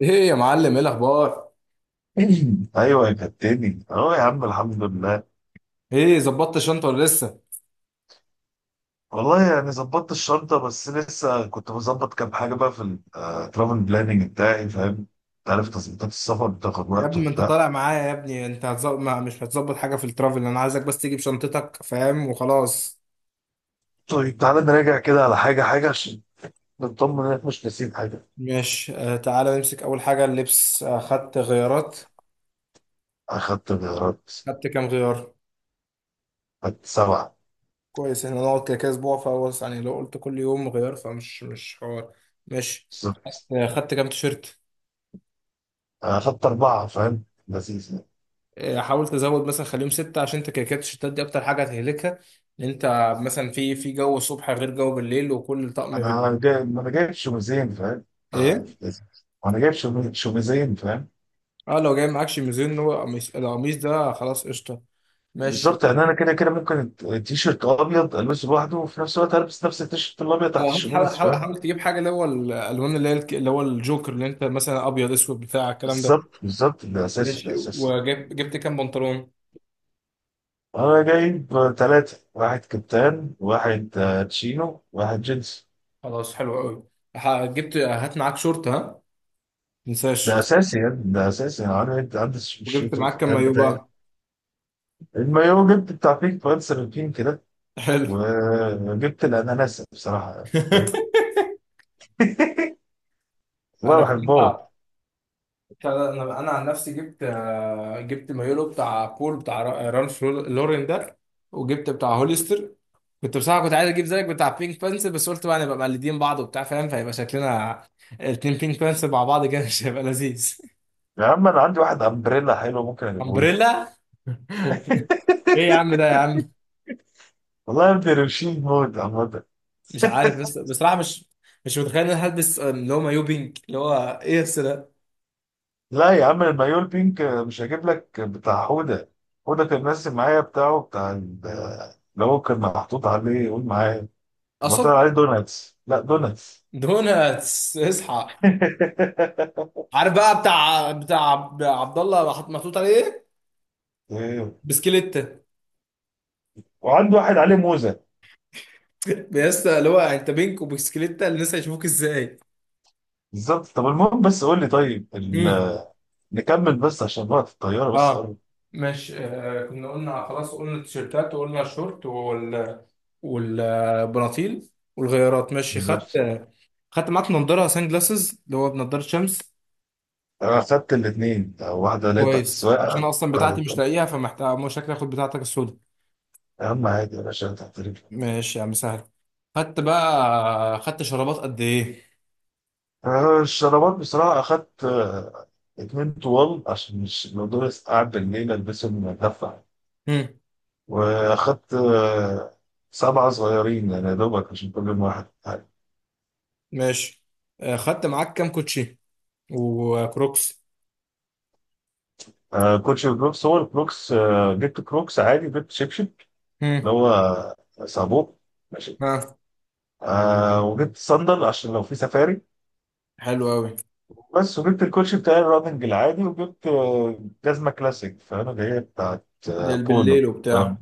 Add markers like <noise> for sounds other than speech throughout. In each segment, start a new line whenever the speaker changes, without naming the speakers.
ايه يا معلم، ايه الاخبار؟
<clears throat> <laughs> ايوه يا كابتني، اهو يا عم، الحمد لله.
ايه، ظبطت الشنطه ولا لسه؟
والله يعني ظبطت الشنطه، بس لسه كنت بظبط كام حاجه بقى في الترافل بلاننج بتاعي، فاهم؟ انت عارف تظبيطات السفر بتاخد
يا
وقت
ابني ما انت
وبتاع.
طالع معايا يا ابني، انت هتزب... ما مش هتظبط حاجه في الترافل، انا عايزك بس تيجي بشنطتك فاهم وخلاص.
طيب تعالى نراجع كده على حاجه حاجه، عشان نطمن انك مش ناسيين حاجه.
ماشي آه، تعالى نمسك اول حاجه اللبس. آه خدت غيارات؟
اخدت غيارات.
خدت كام غيار؟
اخدت سبعه.
كويس، احنا نقعد كده كده اسبوع، فهو يعني لو قلت كل يوم غيار فمش مش حوار. ماشي،
بالظبط.
آه خدت كام تيشيرت؟
اخدت اربعه، فاهم، لذيذ يعني.
آه حاولت ازود مثلا خليهم سته، عشان انت كده كده التيشيرتات دي اكتر حاجه هتهلكها ان انت مثلا في جو الصبح غير جو بالليل، وكل طقم
انا جاي ما انا جايب شوميزين، فاهم؟
ايه.
لذيذ. وانا جايب شوميزين، فاهم؟
اه لو جاي معاكش ميزان، هو قميص، القميص ده خلاص قشطه. ماشي،
بالظبط، يعني انا كده كده ممكن التيشيرت ابيض البسه لوحده، وفي نفس الوقت البس نفس التيشيرت الابيض تحت
وحاول حاول
الشميز،
حاول
فاهم؟
حاول تجيب حاجه اللي هو الالوان اللي هي اللي هو الجوكر، اللي انت مثلا ابيض اسود بتاع الكلام ده.
بالظبط بالظبط، ده اساسي
ماشي،
ده اساسي.
جبت كام بنطلون؟
انا جايب ثلاثه، واحد كابتن، واحد تشينو، واحد جينز.
خلاص، حلو قوي. جبت، هات معاك شورت ها،
ده
متنساش.
اساسي يعني، ده اساسي يعني، انا عندي
وجبت
الشيرت
معاك كام
الكابتن
مايو
بتاعي.
بقى؟
المايو جبت بتاع بيك بانسر البينك كده.
حلو.
وجبت الاناناس بصراحه، فاهم؟
<laughs>
<laughs> والله
انا
بحبهم.
فيها بتاع ده، انا عن نفسي جبت آه، جبت مايولو بتاع بول، بتاع رالف لورين ده، وجبت بتاع هوليستر. كنت بصراحه كنت عايز اجيب زيك بتاع بينك بانس، بس قلت بقى نبقى مقلدين بعض وبتاع فاهم، فيبقى شكلنا الاتنين بينك بانس مع بعض كده مش هيبقى لذيذ.
يا عم، انا عندي واحد امبريلا حلو، ممكن
<laughs>
اجيبه لك.
امبريلا؟ ايه يا عم
<laughs>
ده يا عم.
والله يا ابني، روشين موت عامة.
مش عارف بس بصراحه، مش متخيل ان انا هلبس آه، اللي هو مايو بينك، اللي هو ايه الس ده.
لا يا عم، المايو البينك مش هجيب لك، بتاع حودة. حودة كان ماسك معايا بتاعه، بتاع اللي هو كان محطوط عليه، قول معايا. ما
قصب.
طلع عليه دوناتس، لا دوناتس.
دوناتس اصحى.
<laughs>
عارف بقى، بتاع عبد الله محطوط عليه ايه؟
إيه.
بسكليت.
وعنده واحد عليه موزة.
يا اسطى اللي هو انت بينك وبسكليتة، الناس هيشوفوك ازاي؟
بالظبط، طب المهم بس قول لي، طيب
امم
نكمل بس، عشان وقت الطيارة بس
اه
قرب.
مش آه، كنا قلنا خلاص، قلنا التيشيرتات وقلنا الشورت وال والبناطيل والغيارات. ماشي، خدت؟
بالظبط،
خدت معاك نضاره سان جلاسز اللي هو بنضاره شمس؟
انا خدت الاثنين، واحدة اللي هي بتاعت
كويس، عشان
السواقة،
اصلا
واحدة
بتاعتي مش
بتاعت-
لاقيها فمحتاج، مش شكلي اخد بتاعتك السودا.
اهم حاجة يا باشا تحترم.
ماشي يا عم سهل. خدت بقى، خدت شرابات قد ايه؟
الشرابات بصراحة أخدت اتنين طوال، عشان مش الموضوع بس قعد بالليل ألبسهم أدفع.
هم.
وأخدت سبعة صغيرين، يعني يا دوبك عشان كل يوم واحد.
ماشي آه، خدت معاك كام كوتشي وكروكس؟
كوتش وكروكس، هو الكروكس جبت كروكس عادي، جبت شبشب
هم.
اللي هو صابون، ماشي.
ها،
وجبت صندل عشان لو في سفاري.
حلو قوي.
بس وجبت الكوتش بتاع الراننج العادي، وجبت جزمة كلاسيك، فأنا جاية بتاعت
ده بالليل
بولو،
وبتاع.
فاهم؟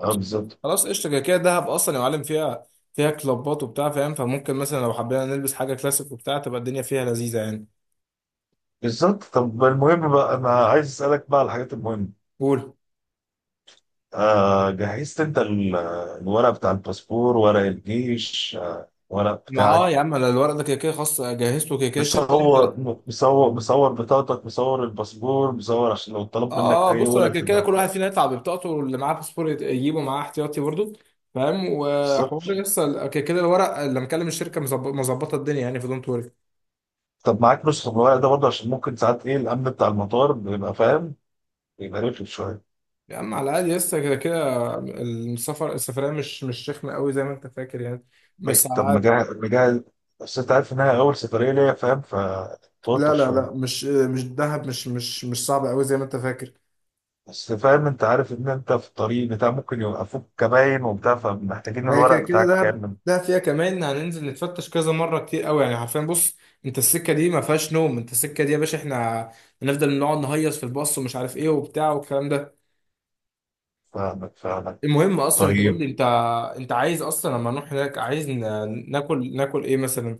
اه بالظبط.
خلاص قشطة، كده كده دهب أصلا يا معلم، فيها فيها كلابات وبتاع فاهم، فممكن مثلا لو حبينا نلبس حاجة كلاسيك وبتاع تبقى الدنيا فيها لذيذة يعني.
بالظبط، طب المهم بقى انا عايز اسالك بقى على الحاجات المهمه.
قول.
جهزت انت الورق بتاع الباسبور، ورق الجيش، ورق
مع اه،
بتاعك؟
يا عم انا الورق ده كده كده خلاص جهزته، كده كده الشركة
مصور،
انت.
مصور بطاقتك، مصور الباسبور، مصور عشان لو طلب منك
اه اه،
اي
بص انا
ورقه
كده كده كل واحد
تبقى.
فينا يطلع ببطاقته اللي معاه باسبور، يجيبه معاه احتياطي برضه فاهم،
بالظبط،
وحوار لسه كده كده الورق، اللي مكلم الشركة مظبطة الدنيا يعني، في دونت وري.
طب معاك نسخه من الورق ده برضه، عشان ممكن ساعات، ايه الامن بتاع المطار بيبقى فاهم، بيبقى رخم شويه.
يا عم على الأقل، لسه كده كده السفر، السفرية مش رخمة قوي زي ما أنت فاكر يعني، بس على
طب
الأقل.
مجهز مجهز؟ بس انت عارف انها اول سفريه ليا، فاهم، فتوتر
لا
شويه.
مش دهب، مش صعب قوي زي ما انت فاكر.
بس فاهم، انت عارف ان انت في الطريق بتاع ممكن يوقفوك كباين وبتاع، فمحتاجين
ما هي
الورق
كده كده
بتاعك
دهب،
كامل.
دهب فيها كمان هننزل نتفتش كذا مره، كتير قوي يعني حرفيا. بص انت السكه دي ما فيهاش نوم، انت السكه دي يا باشا، احنا هنفضل نقعد نهيص في الباص ومش عارف ايه وبتاع والكلام ده.
فاهمك فاهمك،
المهم اصلا انت قول لي
طيب.
انت، انت عايز اصلا لما نروح هناك عايز ناكل ايه مثلا؟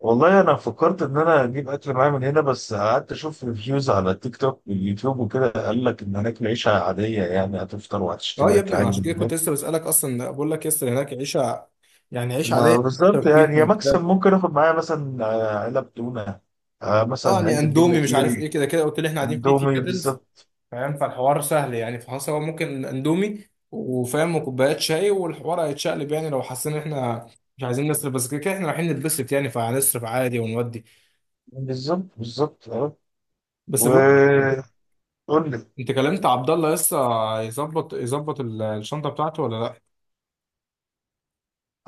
والله انا فكرت ان انا اجيب اكل معايا من هنا، بس قعدت اشوف ريفيوز على تيك توك واليوتيوب وكده، قال لك ان هناك العيشه عاديه، يعني هتفطر
اه
وهتشتري
يا
اكل
ابني،
عادي
عشان
من
كده كنت
هناك.
لسه بسالك اصلا بقول لك، يس هناك عيشه، يعني عيش
ما
عاديه.
بالظبط، يعني
بيتزا
يا
وبتاع؟
مكسب، ممكن اخد معايا مثلا علب تونه،
اه
مثلا
يعني
علبه جبنه
اندومي مش عارف
كيري.
ايه، كده كده قلت لي احنا قاعدين في
اندومي
كاتلز،
بالظبط.
فاهم، فالحوار سهل يعني. فخلاص هو ممكن اندومي وفاهم وكوبايات شاي، والحوار هيتشقلب يعني لو حسينا إن احنا مش عايزين نصرف، بس كده كده احنا رايحين نتبسط يعني، فهنصرف عادي ونودي.
بالظبط بالظبط، اه.
بس بقول لك ايه،
وقول.
انت كلمت عبد الله لسه؟ يظبط الشنطه بتاعته ولا لا؟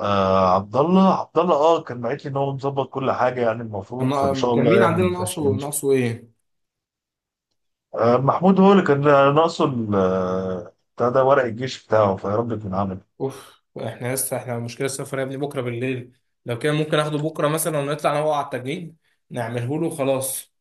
عبد الله، عبد الله كان بعت لي ان هو مظبط كل حاجه، يعني المفروض، فان
كان
شاء
كان
الله
مين
يعني
عندنا
ما
ناقصه؟
فيهاش أي مشكلة.
ناقصه ايه؟
محمود هو اللي كان ناقصه بتاع ده، ورق الجيش بتاعه، فيا رب يكون عمل.
اوف، احنا لسه احنا، مشكله السفر يا ابني بكره بالليل، لو كان ممكن اخده بكره مثلا ونطلع انا وهو على التجنيد نعمله له خلاص.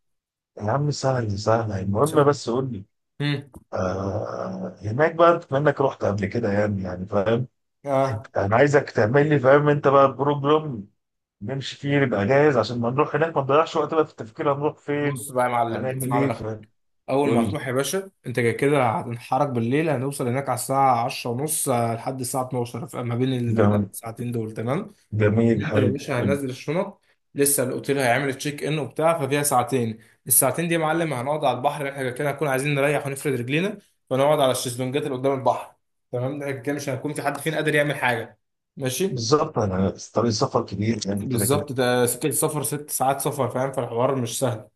يا عم سهل سهل، المهم
سلام.
بس قول لي.
امم
هناك بقى بما انك رحت قبل كده، يعني فاهم.
اه،
انا عايزك تعمل لي، فاهم انت، بقى بروجرام نمشي فيه، نبقى جاهز عشان ما نروح هناك ما نضيعش وقت بقى في التفكير هنروح فين،
بص بقى يا معلم،
هنعمل
اسمع من
ايه،
اخوك.
فاهم؟
اول ما
قول لي.
هتروح يا باشا انت كده كده هتنحرك بالليل، هنوصل هناك على الساعه 10 ونص لحد الساعه 12، فما بين
جميل
الساعتين دول تمام،
جميل
ننزل يا
حلو.
باشا، هننزل الشنط. لسه الاوتيل هيعمل تشيك ان وبتاع، ففيها ساعتين. الساعتين دي يا معلم هنقعد على البحر، احنا كده كده هنكون عايزين نريح ونفرد رجلينا، فنقعد على الشезлونجات اللي قدام البحر تمام. ده كده مش هيكون في حد فينا قادر يعمل حاجه. ماشي.
بالظبط، انا طريق سفر كبير يعني كده كده.
بالظبط، ده سكه سفر، ست ساعات سفر فاهم، فالحوار مش سهل.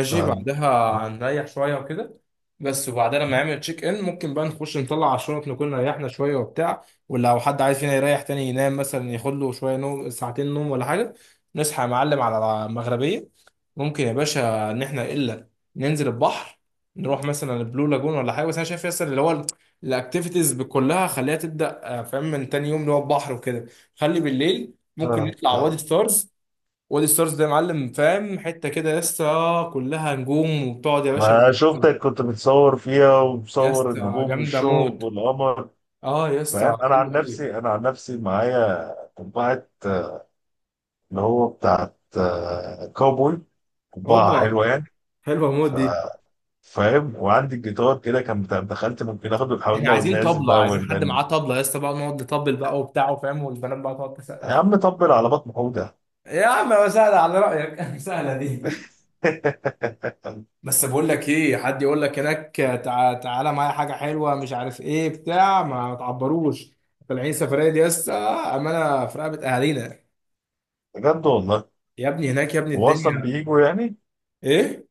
ف...
بعدها هنريح شوية وكده. بس وبعدها لما يعمل تشيك ان ممكن بقى نخش نطلع على الشنط، نكون ريحنا شوية وبتاع، ولو حد عايز فينا يريح تاني ينام مثلا ياخد له شوية نوم، ساعتين نوم ولا حاجة. نصحى يا معلم على المغربية، ممكن يا باشا إن إحنا إلا ننزل البحر، نروح مثلا البلو لاجون ولا حاجة. بس أنا شايف ياسر، اللي هو الأكتيفيتيز كلها خليها تبدأ آه، فاهم، من تاني يوم، اللي هو البحر وكده. خلي بالليل
ف...
ممكن نطلع
ف-
وادي ستارز. وادي ستارز ده يا معلم فاهم، حته كده يا اسطى كلها نجوم، وبتقعد يا باشا
ما
بتشوفها.
شفتك كنت بتصور فيها،
يا
ومصور
اسطى
النجوم
جامده
والشهب
موت.
والقمر.
اه يا اسطى
فاهم، انا
حلوه
عن نفسي
قوي.
انا عن نفسي معايا قبعه، اللي هو بتاعت كاوبوي، قبعه
اوبا،
حلوه يعني.
حلوه موت
ف...
دي.
فاهم، وعندي الجيتار كده كان دخلت ممكن اخده، ونحاول
احنا
نقعد
عايزين
نعزف
طبله،
بقى
عايزين حد
ونغني.
معاه طبله يا اسطى بقى، نقعد نطبل بقى وبتاع فاهم، والبنات بقى تقعد
يا
تسقف.
عم طبل على بطن حوده.
يا عم سهله على رايك. <laughs> سهله دي.
<laughs>
بس بقول لك ايه، حد يقول لك هناك تعالى معايا حاجه حلوه مش عارف ايه بتاع، ما تعبروش. طالعين سفريه دي يا اسطى، امانه في رقبه اهالينا.
بجد والله.
يا ابني هناك يا ابني
هو اصلا
الدنيا.
بيجوا يعني؟
ايه؟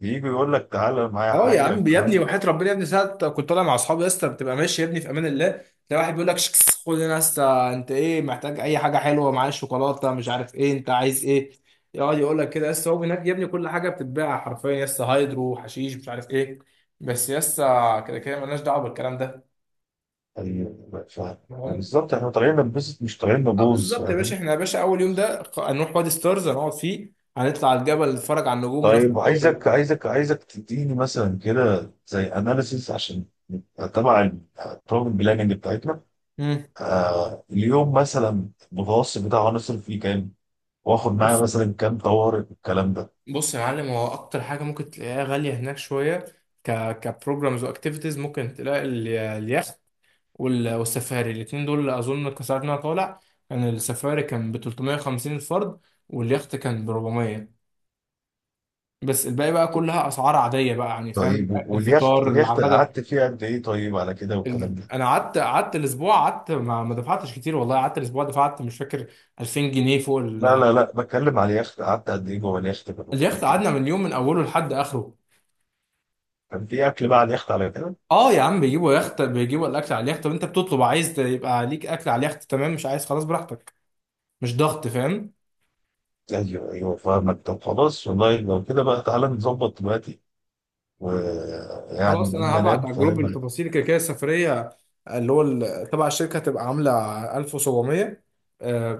بيجوا يقول لك تعالى معايا
اه يا
حاجه،
عم، يا ابني
الكلام.
وحياة ربنا يا ابني، ساعة كنت طالع مع اصحابي يا اسطى، بتبقى ماشي يا ابني في امان الله، تلاقي واحد بيقول لك شكس، خد هنا يا اسطى، انت ايه محتاج اي حاجه، حلوه معايا شوكولاته مش عارف ايه، انت عايز ايه، يقعد يقول لك كده يا اسطى. هو هناك يا ابني كل حاجه بتتباع حرفيا يا اسطى، هايدرو حشيش مش عارف ايه. بس يا اسطى كده كده مالناش دعوه بالكلام ده
طيب،
فاهم؟
بالظبط احنا طالعين ننبسط، مش طالعين
اه
نبوظ،
بالظبط. يا باشا
فاهم؟
احنا يا باشا اول يوم ده هنروح وادي ستارز، هنقعد فيه، هنطلع على الجبل نتفرج على النجوم وناخد
طيب،
صور.
عايزك تديني مثلا كده زي اناليسيس، عشان نبقى تبع البروجرام بلاننج بتاعتنا.
امم
اليوم مثلا المتوسط بتاعه هنصرف فيه كام، واخد معايا مثلا كام طوارئ والكلام ده.
بص يا معلم، هو اكتر حاجه ممكن تلاقيها غاليه هناك شويه، ك كبروجرامز واكتيفيتيز، ممكن تلاقي اليخت والسفاري، الاثنين دول اظن كسرنا، إن أنا طالع كان السفاري كان ب 350 الفرد، واليخت كان ب 400، بس الباقي بقى كلها اسعار عاديه بقى يعني فاهم.
طيب، واليخت
الفطار،
اليخت
الغدا،
قعدت فيه قد ايه، طيب على كده
ال...
والكلام ده؟
انا قعدت الاسبوع، قعدت ما دفعتش كتير والله. قعدت الاسبوع دفعت مش فاكر، 2000 جنيه فوق
لا
ال...
لا لا، بتكلم على اليخت، قعدت قد ايه جوه اليخت؟
اليخت قعدنا من اليوم من اوله لحد اخره.
كان في اكل بقى على اليخت على كده؟
اه يا عم بيجيبوا يخت، بيجيبوا الاكل على اليخت، طب انت بتطلب عايز يبقى ليك اكل على اليخت تمام، مش عايز خلاص براحتك، مش ضغط فاهم.
ايوه ايوه، فاهمك، طب خلاص والله لو كده بقى تعالى نظبط دلوقتي، ويعني
خلاص،
نقوم
انا هبعت
ننام،
على الجروب
فاهم؟
التفاصيل، كده كده السفريه اللي هو تبع الشركه هتبقى عامله 1700،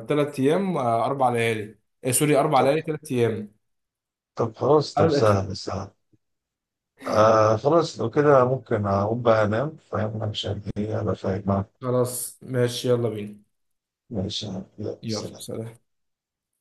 ثلاث ايام آه، اربع ليالي آه، سوري، اربع
طب
ليالي ثلاث ايام.
طب خلاص، طب
عارف؟
سهل سهل. خلاص، لو كده ممكن اقوم بقى انام، فاهم، عشان ايه ابقى فاهم معاك.
خلاص ماشي، يلا بينا.
ماشي، يلا
يلا
سلام.
سلام.